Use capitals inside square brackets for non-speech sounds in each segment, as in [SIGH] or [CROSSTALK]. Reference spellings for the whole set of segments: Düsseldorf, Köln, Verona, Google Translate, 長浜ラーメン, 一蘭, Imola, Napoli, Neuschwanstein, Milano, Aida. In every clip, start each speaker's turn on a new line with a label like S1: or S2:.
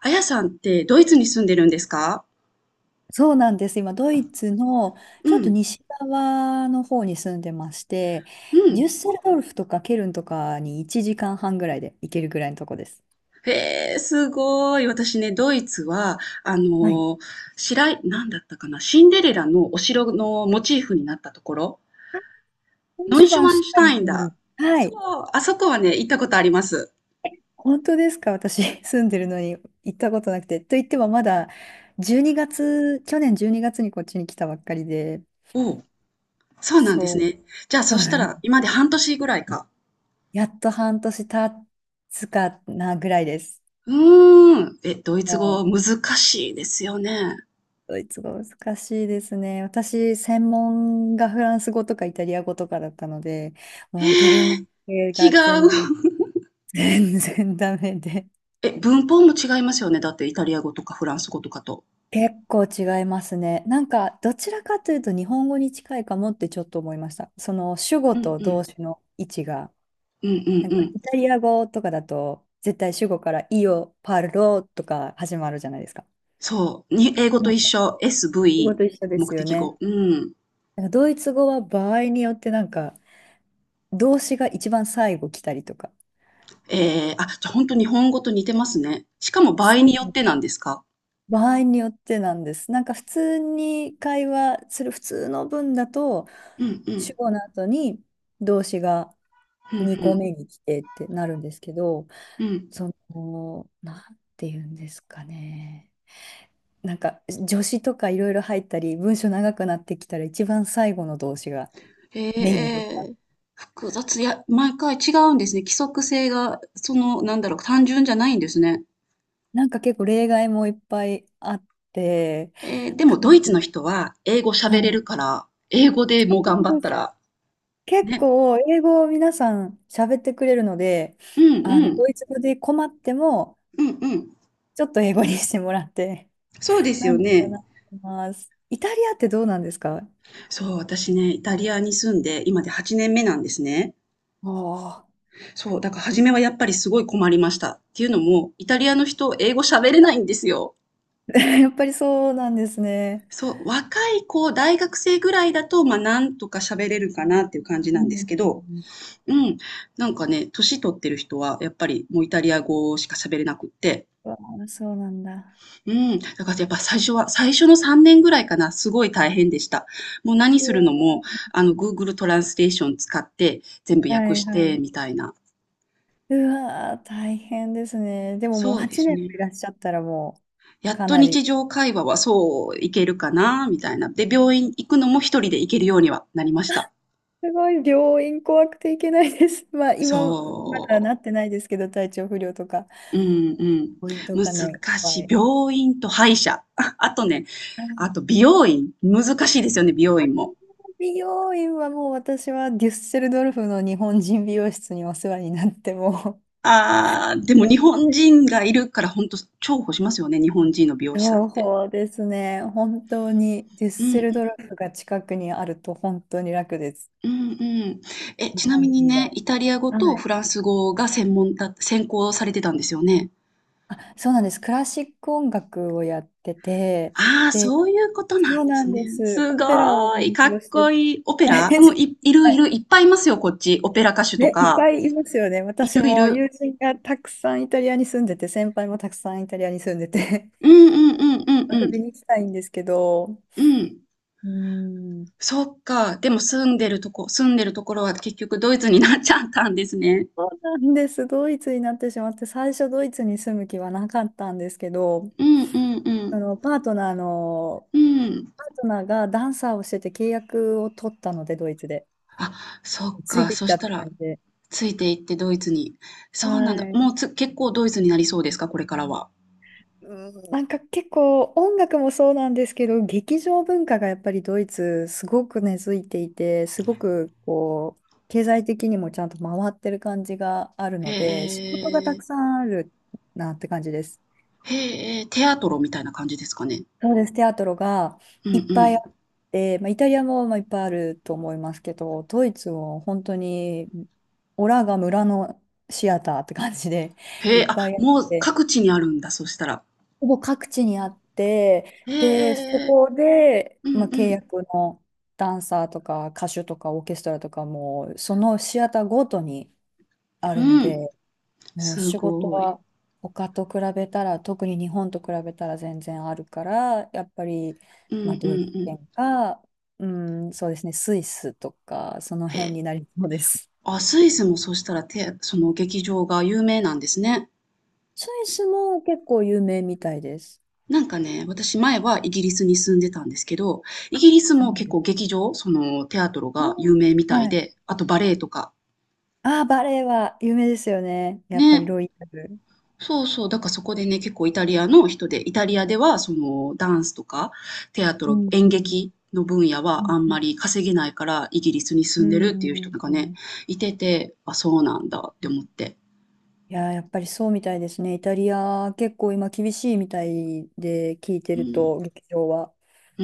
S1: あやさんってドイツに住んでるんですか？
S2: そうなんです。今、ドイツの
S1: う
S2: ちょっと
S1: ん、
S2: 西側の方に住んでまして、
S1: う
S2: デュ
S1: ん。
S2: ッセルドルフとかケルンとかに1時間半ぐらいで行けるぐらいのとこです。
S1: へえ、すごい。私ね、ドイツは、あの
S2: はい。
S1: ー、白い、なんだったかな、シンデレラのお城のモチーフになったところ、
S2: あモン
S1: ノ
S2: シ
S1: イ
S2: ュ
S1: シュワンシュタインだ。
S2: は
S1: そ
S2: い。
S1: う、あそこはね、行ったことあります。
S2: 本当ですか？私、[LAUGHS] 住んでるのに行ったことなくて。と言っても、まだ12月、去年12月にがつにこっちに来たばっかりで、
S1: おう、そうなんです
S2: そう、
S1: ね。じゃあ、
S2: そう
S1: そした
S2: なんで
S1: ら、
S2: す。
S1: 今まで半年ぐらいか。
S2: やっと半年経つかなぐらいです。
S1: うーん。え、ドイ
S2: も
S1: ツ語
S2: う
S1: 難しいですよね。
S2: ドイツ語難しいですね。私、専門がフランス語とかイタリア語とかだったので、もうゲル
S1: へ
S2: マ
S1: え、違
S2: ン系が全然、
S1: う。
S2: 全然ダメで。
S1: え、文法も違いますよね。だって、イタリア語とかフランス語とかと。
S2: 結構違いますね。なんか、どちらかというと日本語に近いかもってちょっと思いました。その主語
S1: うん
S2: と
S1: う
S2: 動
S1: ん。
S2: 詞の位置が。
S1: うんうん
S2: なん
S1: う
S2: か、
S1: ん。
S2: イタリア語とかだと、絶対主語から、イオ、パロとか始まるじゃないですか。
S1: そう。に英語
S2: な
S1: と
S2: ん
S1: 一
S2: か、
S1: 緒。
S2: 主語
S1: SV、
S2: と一緒で
S1: 目
S2: すよ
S1: 的
S2: ね。
S1: 語。うん。
S2: なんかドイツ語は場合によってなんか、動詞が一番最後来たりとか、
S1: あ、じゃあ本当日本語と似てますね。しかも場合
S2: そ
S1: に
S2: う。
S1: よってなんですか？
S2: 場合によってなんです。なんか普通に会話する普通の文だと、
S1: うんう
S2: 主
S1: ん。
S2: 語の後に動詞が
S1: うんう
S2: 2個
S1: ん。
S2: 目に来てってなるんですけど、
S1: うん。
S2: その、なんて言うんですかね。なんか助詞とかいろいろ入ったり、文章長くなってきたら一番最後の動詞が
S1: へ
S2: メインの動詞だ。
S1: え。複雑。いや、毎回違うんですね。規則性が、その、なんだろう、単純じゃないんですね。
S2: なんか結構例外もいっぱいあって、
S1: でも
S2: か
S1: ド
S2: な
S1: イツの
S2: り、
S1: 人は英語
S2: は
S1: 喋れ
S2: い、
S1: るから、英語で
S2: そ
S1: もう
S2: う
S1: 頑
S2: なん
S1: 張っ
S2: で
S1: た
S2: す。
S1: ら、
S2: 結
S1: ね。
S2: 構英語を皆さん喋ってくれるので、
S1: うん
S2: あの、
S1: うん。
S2: ドイツ語で困っても、
S1: うんうん。
S2: ちょっと英語にしてもらって、
S1: そうです
S2: な
S1: よ
S2: んとか
S1: ね。
S2: なってます。イタリアってどうなんですか？
S1: そう、私ね、イタリアに住んで、今で8年目なんですね。
S2: ああ、
S1: そう、だから初めはやっぱりすごい困りました。っていうのも、イタリアの人、英語喋れないんですよ。
S2: [LAUGHS] やっぱりそうなんですね。
S1: そう、若い子、大学生ぐらいだと、まあ、なんとか喋れるかなっていう感じ
S2: う
S1: な
S2: ん
S1: んですけ
S2: う
S1: ど、
S2: ん。
S1: うん、なんかね、年取ってる人は、やっぱりもうイタリア語しか喋れなくって、
S2: うわあ、そうなんだ。
S1: うん、だからやっぱ最初は、最初の3年ぐらいかな、すごい大変でした。もう何
S2: う
S1: する
S2: わ。
S1: のも、Google トランスレーション使って、全部
S2: は
S1: 訳
S2: い
S1: し
S2: は
S1: て、み
S2: い。
S1: たいな。
S2: うわあ、大変ですね。でももう
S1: そうで
S2: 8
S1: す
S2: 年も
S1: ね。
S2: いらっしゃったらもう
S1: やっ
S2: か
S1: と
S2: なり。
S1: 日常会話はそういけるかな、みたいな。で、病院行くのも一人で行けるようにはなりました。
S2: すごい、病院怖くていけないです。[LAUGHS] まあ今、まだな
S1: そ
S2: ってないですけど、体調不良とか。
S1: う。うんうん。
S2: ポイント
S1: 難
S2: がね、いっぱ
S1: しい。
S2: い。
S1: 病院と歯医者。[LAUGHS] ああとね、
S2: あ、
S1: あと美容院。難しいですよね、美容院も。
S2: 美容院はもう私はデュッセルドルフの日本人美容室にお世話になって、も
S1: ああ、で
S2: う
S1: も日
S2: ん、
S1: 本人がいるからほんと重宝しますよね、日本人の美容師さんっ
S2: 情 [LAUGHS]
S1: て。
S2: 報ですね。本当にデュッ
S1: う
S2: セ
S1: ん
S2: ルドルフが近くにあると本当に楽です。
S1: うん、うんうん。え、
S2: 日
S1: ちな
S2: 本
S1: み
S2: 人
S1: に
S2: 以
S1: ね、
S2: 外。
S1: イタリア語
S2: は
S1: と
S2: い。
S1: フランス語が専門だ専攻されてたんですよね？
S2: あ、そうなんです。クラシック音楽をやってて、
S1: ああ、
S2: で、
S1: そういうことな
S2: そ
S1: ん
S2: う
S1: で
S2: な
S1: す
S2: ん
S1: ね。
S2: です。
S1: す
S2: オペラを
S1: ごーい、
S2: 勉
S1: か
S2: 強
S1: っ
S2: し
S1: こ
S2: て、
S1: いい。オ
S2: [LAUGHS]
S1: ペ
S2: はい。
S1: ラうん、いるいる、いっぱいいますよ、こっち。オペラ歌手と
S2: ね、いっ
S1: か。
S2: ぱいいますよね。
S1: い
S2: 私
S1: るい
S2: も
S1: る。
S2: 友人がたくさんイタリアに住んでて、先輩もたくさんイタリアに住んでて、
S1: うんうんうんう
S2: [LAUGHS]
S1: んう
S2: 遊
S1: ん。
S2: びに行きたいんですけど、
S1: うん。
S2: うん、
S1: そっか、でも住んでるところは結局ドイツになっちゃったんですね。
S2: そうなんです。ドイツになってしまって、最初ドイツに住む気はなかったんですけど、
S1: うんうんう
S2: あ
S1: ん。
S2: のパートナーの、
S1: うん。
S2: パートナーがダンサーをしてて契約を取ったので、ドイツで。
S1: あ、そっ
S2: つい
S1: か、
S2: てき
S1: そ
S2: た
S1: し
S2: っ
S1: た
S2: て感
S1: ら、
S2: じで。
S1: ついていってドイツに。そうなんだ。
S2: は
S1: もう、
S2: い。
S1: 結構ドイツになりそうですか？これからは。
S2: うん、なんか結構音楽もそうなんですけど、劇場文化がやっぱりドイツすごく根付いていて、すごくこう、経済的にもちゃんと回ってる感じがあるので、仕
S1: へ
S2: 事がたくさ
S1: え。
S2: んあるなって感じです。
S1: へえ、テアトロみたいな感じですかね？
S2: そうです、テアトロが
S1: うんう
S2: いっぱいあ
S1: ん。
S2: って、まあ、イタリアもまあいっぱいあると思いますけど、ドイツも本当にオラが村のシアターって感じで
S1: へ
S2: いっ
S1: え、あ、
S2: ぱいあっ
S1: もう
S2: て、
S1: 各地にあるんだ、そしたら。
S2: ほぼ各地にあって、
S1: へ
S2: で、そ
S1: ええ。
S2: こで、
S1: うん
S2: まあ、
S1: う
S2: 契
S1: ん。
S2: 約のダンサーとか歌手とかオーケストラとかも、そのシアターごとにあるの
S1: うん。
S2: で、もう
S1: す
S2: 仕事
S1: ごい。
S2: は他と比べたら、特に日本と比べたら全然あるから、やっぱり、
S1: うんうんう
S2: まあ、ドイツ
S1: ん。
S2: 圏か、うん、そうですね、スイスとか、その
S1: へ
S2: 辺
S1: え。
S2: になりそうです。
S1: あ、スイスもそしたら、その劇場が有名なんですね。
S2: スイスも結構有名みたいです。
S1: なんかね、私前はイギリスに住んでたんですけど、イギリス
S2: そう
S1: も
S2: なん
S1: 結
S2: で
S1: 構
S2: す。
S1: 劇場、その、テアトロ
S2: あ
S1: が有名み
S2: ー、
S1: たい
S2: はい。
S1: で、あとバレエとか。
S2: ああ、バレエは有名ですよね。やっぱり
S1: ね。
S2: ロイヤル。
S1: そうそう、だからそこでね、結構イタリアの人で、イタリアではそのダンスとかテアト
S2: う
S1: ロ、
S2: ん、
S1: 演
S2: うん。
S1: 劇の分野
S2: う
S1: は
S2: ん
S1: あんまり稼げないからイギリスに
S2: う
S1: 住んでるっていう人
S2: ん
S1: が
S2: う
S1: ね、
S2: ん。
S1: いてて、あ、そうなんだって思って。
S2: いやー、やっぱりそうみたいですね。イタリア、結構今厳しいみたいで聞いて
S1: う
S2: る
S1: ん。
S2: と、劇場は。
S1: う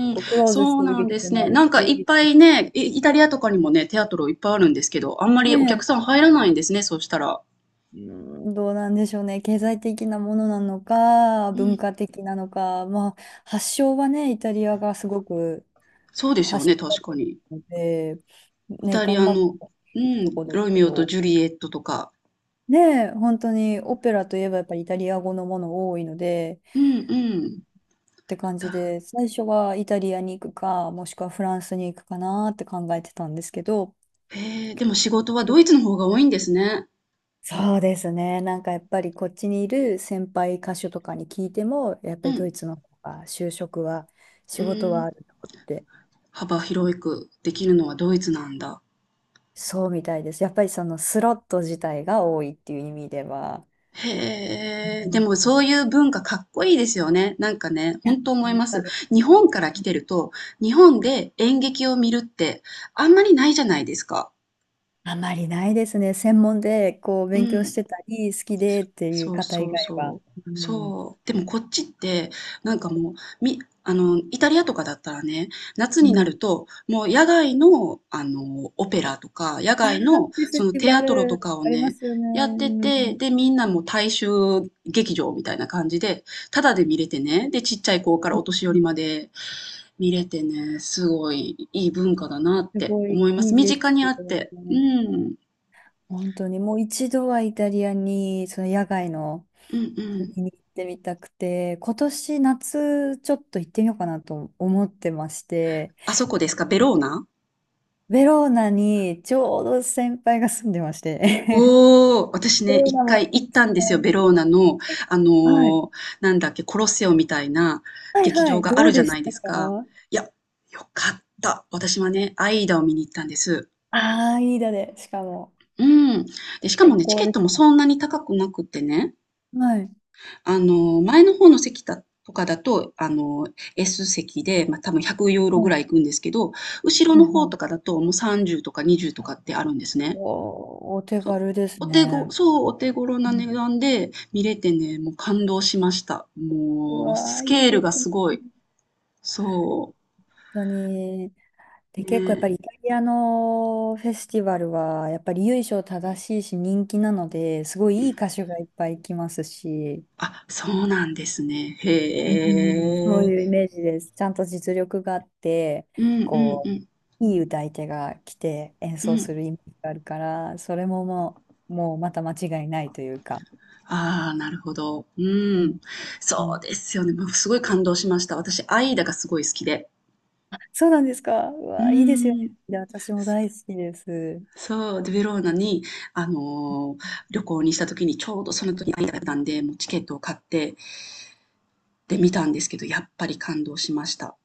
S2: 結
S1: ん、
S2: 構クローズし
S1: そう
S2: てる
S1: なん
S2: 劇
S1: で
S2: 場
S1: す
S2: もあ
S1: ね。
S2: る
S1: なんかいっ
S2: し、
S1: ぱいね、イタリアとかにもね、テアトロいっぱいあるんですけど、あんまり
S2: ね
S1: お客
S2: え、
S1: さん入らないんですね、そうしたら。
S2: うん、どうなんでしょうね。経済的なものなのか、
S1: う
S2: 文
S1: ん、
S2: 化的なのか、まあ、発祥はね、イタリアがすごく
S1: そうですよ
S2: 発祥
S1: ね、
S2: だ
S1: 確
S2: と
S1: か
S2: 思
S1: に。
S2: うので、
S1: イ
S2: ね、
S1: タリ
S2: 頑
S1: ア
S2: 張って
S1: の、
S2: ほ
S1: う
S2: しいと
S1: ん、
S2: こです
S1: ロ
S2: け
S1: ミオと
S2: ど。
S1: ジュリエットとか。
S2: ねえ、本当にオペラといえばやっぱりイタリア語のもの多いので
S1: うんうん。
S2: って感じで、最初はイタリアに行くか、もしくはフランスに行くかなって考えてたんですけど、
S1: へえ、でも仕事はドイツの方が多いんですね。
S2: そうですね、なんかやっぱりこっちにいる先輩歌手とかに聞いても、やっ
S1: う
S2: ぱりド
S1: ん。
S2: イツの方が就職は、仕
S1: う
S2: 事はあ
S1: ん。
S2: るとって、
S1: 幅広くできるのはドイツなんだ。
S2: そうみたいです。やっぱりそのスロット自体が多いっていう意味では。う
S1: へえ、で
S2: ん。
S1: もそういう文化かっこいいですよね。なんかね、
S2: いや、
S1: 本当思い
S2: 本
S1: ま
S2: 当
S1: す。
S2: に
S1: 日本から来てると、日本で演劇を見るってあんまりないじゃないですか。
S2: あまりないですね。専門でこう
S1: う
S2: 勉強し
S1: ん。
S2: てたり、好きでっていう
S1: そう
S2: 方以
S1: そう
S2: 外は。
S1: そう。
S2: うん。
S1: そう。でもこっちって、なんかもう、み、イタリアとかだったらね、夏
S2: う
S1: にな
S2: ん、
S1: ると、もう野外の、オペラとか、野
S2: ああ、
S1: 外の、
S2: フェス
S1: その
S2: ティ
S1: テ
S2: バ
S1: アトロ
S2: ル、
S1: とかを
S2: ありま
S1: ね、
S2: すよね。
S1: やっ
S2: う
S1: て
S2: んう
S1: て、
S2: ん。
S1: で、みんなもう大衆劇場みたいな感じで、タダで見れてね、で、ちっちゃい子からお年寄りまで見れてね、すごいいい文化だなっ
S2: す
S1: て
S2: ごい
S1: 思いま
S2: い
S1: す。
S2: い
S1: 身
S2: で
S1: 近
S2: す
S1: に
S2: け
S1: あ
S2: ど
S1: って。う
S2: ね。
S1: ん。
S2: 本当にもう一度はイタリアに、その野外の
S1: うんうん。
S2: に行ってみたくて、今年夏ちょっと行ってみようかなと思ってまして、
S1: あそこですかベローナ？
S2: ベローナにちょうど先輩が住んでまして、[LAUGHS]
S1: おお、私
S2: ベ
S1: ね、
S2: ロー
S1: 1
S2: ナも
S1: 回
S2: 行
S1: 行っ
S2: き
S1: たんです
S2: た
S1: よ、
S2: い。
S1: ベローナの、あ
S2: はい。
S1: の、なんだっけ、コロッセオみたいな
S2: はい
S1: 劇
S2: は
S1: 場
S2: い。
S1: があ
S2: ど
S1: る
S2: う
S1: じゃ
S2: で
S1: な
S2: し
S1: いで
S2: たか？
S1: すか。いや、よかった。私はね、アイダを見に行ったんです。
S2: ああー、いいだで、しかも。
S1: うん。で、しかも
S2: 最
S1: ね、チ
S2: 高
S1: ケッ
S2: で
S1: トも
S2: す。
S1: そんなに高くなくってね、
S2: はい。
S1: 前の方の席だとかだと、S 席で、まあ、多分100ユーロ
S2: は
S1: ぐら
S2: い。
S1: い行くんですけど、後ろ
S2: は
S1: の
S2: い。は
S1: 方とか
S2: い。
S1: だともう30とか20とかってあるんですね。
S2: お、お手
S1: そう。
S2: 軽です
S1: お手ご
S2: ね。
S1: そう、お手頃
S2: う
S1: な
S2: ん。
S1: 値段で見れてね、もう感動しました。
S2: う
S1: もう
S2: わ
S1: ス
S2: ー、いい
S1: ケール
S2: で
S1: が
S2: すね。
S1: すご
S2: 本
S1: い。そ
S2: 当に。
S1: う。
S2: で、
S1: ね
S2: 結構やっぱ
S1: え。
S2: りイタリアのフェスティバルは、やっぱり由緒正しいし人気なので、すごいいい歌手がいっぱい来ますし、
S1: あ、そうなんですね。
S2: うん、そ
S1: へ
S2: う
S1: え。
S2: いうイメージです。ちゃんと実力があって、
S1: うんうん
S2: こ
S1: うん
S2: う、いい歌い手が来て演
S1: う
S2: 奏す
S1: ん。
S2: るイメージがあるから、それももうまた間違いないというか。
S1: ああ、なるほど。う
S2: うん
S1: ん。
S2: う
S1: そう
S2: ん。
S1: ですよね。もうすごい感動しました。私、アイダがすごい好きで。
S2: そうなんですか。う
S1: う
S2: わ、いいですよ
S1: ー
S2: ね。
S1: ん。
S2: いや私も
S1: そ
S2: 大好きです。
S1: そう、で、ベローナに、あの、旅行にした時に、ちょうどその時にアイダだったんで、もうチケットを買っててみたんですけど、やっぱり感動しました。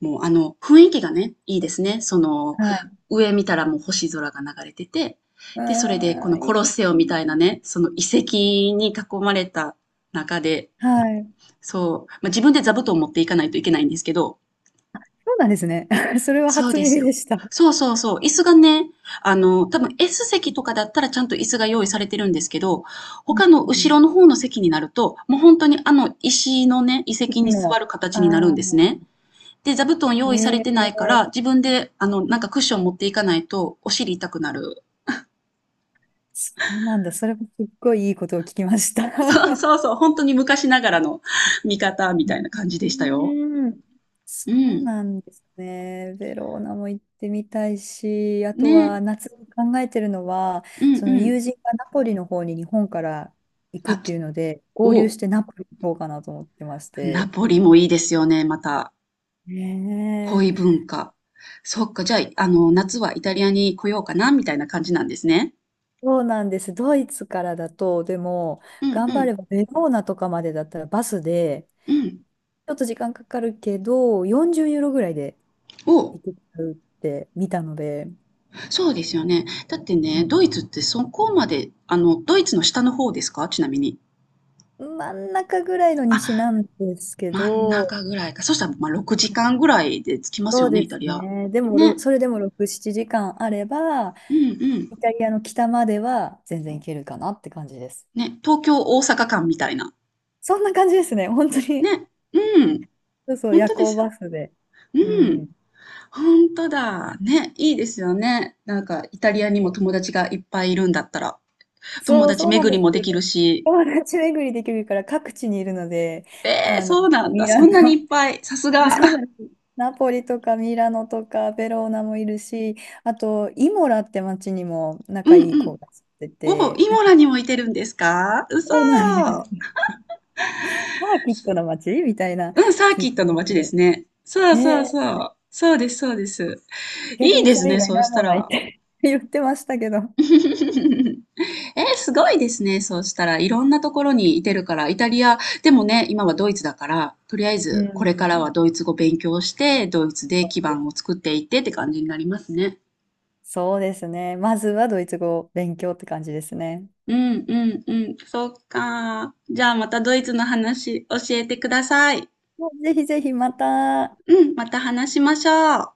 S1: もう雰囲気がね、いいですね。その、
S2: はい。
S1: 上見たらもう星空が流れてて、
S2: う
S1: で、それでこ
S2: ー
S1: の
S2: ん、い
S1: コ
S2: い
S1: ロッ
S2: で
S1: セオ
S2: す
S1: みたいな
S2: ね。
S1: ね、その遺跡に囲まれた中で、
S2: はい。
S1: そう、まあ、自分で座布団を持っていかないといけないんですけど、
S2: そうなんですね。[LAUGHS] それは
S1: そう
S2: 初
S1: です
S2: 耳
S1: よ。
S2: でした。
S1: そうそうそう、椅子がね、多分 S 席とかだったらちゃんと椅子が用意されてるんですけど、
S2: うん
S1: 他の
S2: う
S1: 後ろの
S2: ん。
S1: 方の席になると、もう本当にあの石のね、遺跡
S2: 息
S1: に座
S2: も、
S1: る
S2: あ
S1: 形になるん
S2: あ、
S1: ですね。で、座布団用意されてないから、
S2: ええ、
S1: 自分で、なんかクッション持っていかないと、お尻痛くなる。
S2: そうなんだ。それもすっごいいいことを聞きました。
S1: [LAUGHS] そうそう
S2: [LAUGHS]
S1: そう、本当に昔ながらの [LAUGHS] 見方み
S2: う
S1: たいな感じでしたよ。
S2: ーん、そ
S1: う
S2: う
S1: ん。
S2: なんですね。ベローナも行ってみたいし、あと
S1: ね。
S2: は夏に考えてるのは、
S1: うん
S2: その
S1: うん。
S2: 友人がナポリの方に日本から行くっ
S1: あ、
S2: ていうので、合流し
S1: お、
S2: てナポリに行こうかなと思ってまし
S1: ナ
S2: て。
S1: ポリもいいですよね、また。
S2: ね
S1: 恋
S2: え、
S1: 文化。そっか、じゃあ、夏はイタリアに来ようかな、みたいな感じなんですね。
S2: そうなんです。ドイツからだと、でも、
S1: うんう
S2: 頑張れ
S1: ん。
S2: ばベローナとかまでだったらバスで、
S1: うん。
S2: ちょっと時間かかるけど40ユーロぐらいで
S1: お、
S2: 行けちゃうって見たので、
S1: そうですよね。だってね、ドイツってそこまで、ドイツの下の方ですかちなみに。
S2: 真ん中ぐらいの西
S1: あ、
S2: なんですけ
S1: 真ん
S2: ど、
S1: 中ぐらいか。そしたら、まあ、6時間ぐらいで着きます
S2: そ
S1: よ
S2: う
S1: ね、
S2: で
S1: イタ
S2: す
S1: リア。
S2: ね。でも、
S1: ね。
S2: それでも6、7時間あれば、
S1: うんうん。
S2: イタリアの北までは全然行けるかなって感じです。
S1: ね、東京、大阪間みたいな。
S2: そんな感じですね。本当に。
S1: ね。うん。
S2: そうそう、
S1: ほん
S2: 夜
S1: とで
S2: 行
S1: すよ。
S2: バスで。
S1: う
S2: うん。
S1: ん。ほんとだ。ね、いいですよね。なんかイタリアにも友達がいっぱいいるんだったら、友
S2: そう、
S1: 達
S2: そうなん
S1: 巡
S2: で
S1: り
S2: す。
S1: もできるし。
S2: 友達巡りできるから各地にいるので、
S1: えー
S2: あの、
S1: そうなん
S2: ミ
S1: だ。そ
S2: ラ
S1: んなにい
S2: ノ、
S1: っぱい。さす
S2: [LAUGHS]
S1: が。
S2: そうなんです。ナポリとかミラノとかベローナもいるし、あと、イモラって町にも
S1: [LAUGHS] う
S2: 仲
S1: ん
S2: いい
S1: う
S2: 子
S1: ん。
S2: が住んで
S1: おお、
S2: て、
S1: イモラにもいてるんですか？うそ
S2: そうなんで
S1: ー。
S2: す。サーキットの街みたいな
S1: うん、サー
S2: 聞
S1: キ
S2: い
S1: ッ
S2: た
S1: ト
S2: ん
S1: の
S2: です
S1: 街
S2: け
S1: です
S2: ど、
S1: ね。そうそう
S2: ね
S1: そ
S2: え、
S1: う。そうですそうです。
S2: 逆
S1: いい
S2: に
S1: で
S2: そ
S1: す
S2: れ以
S1: ね、
S2: 外
S1: そうし
S2: 何
S1: た
S2: もないっ
S1: ら。
S2: て [LAUGHS] 言ってましたけど。
S1: [LAUGHS] えー、すごいですね、そうしたら。いろんなところにいてるから、イタリア、でもね、今はドイツだから、とりあえ
S2: う
S1: ずこれからは
S2: ん、
S1: ドイツ語勉強して、ドイツで
S2: そ
S1: 基
S2: うで
S1: 盤を
S2: す。
S1: 作っていってって感じになりますね。
S2: そうですね。まずはドイツ語を勉強って感じですね。
S1: うんうんうん、そっか。じゃあまたドイツの話教えてください。
S2: もうぜひぜひまた
S1: うん、また話しましょう。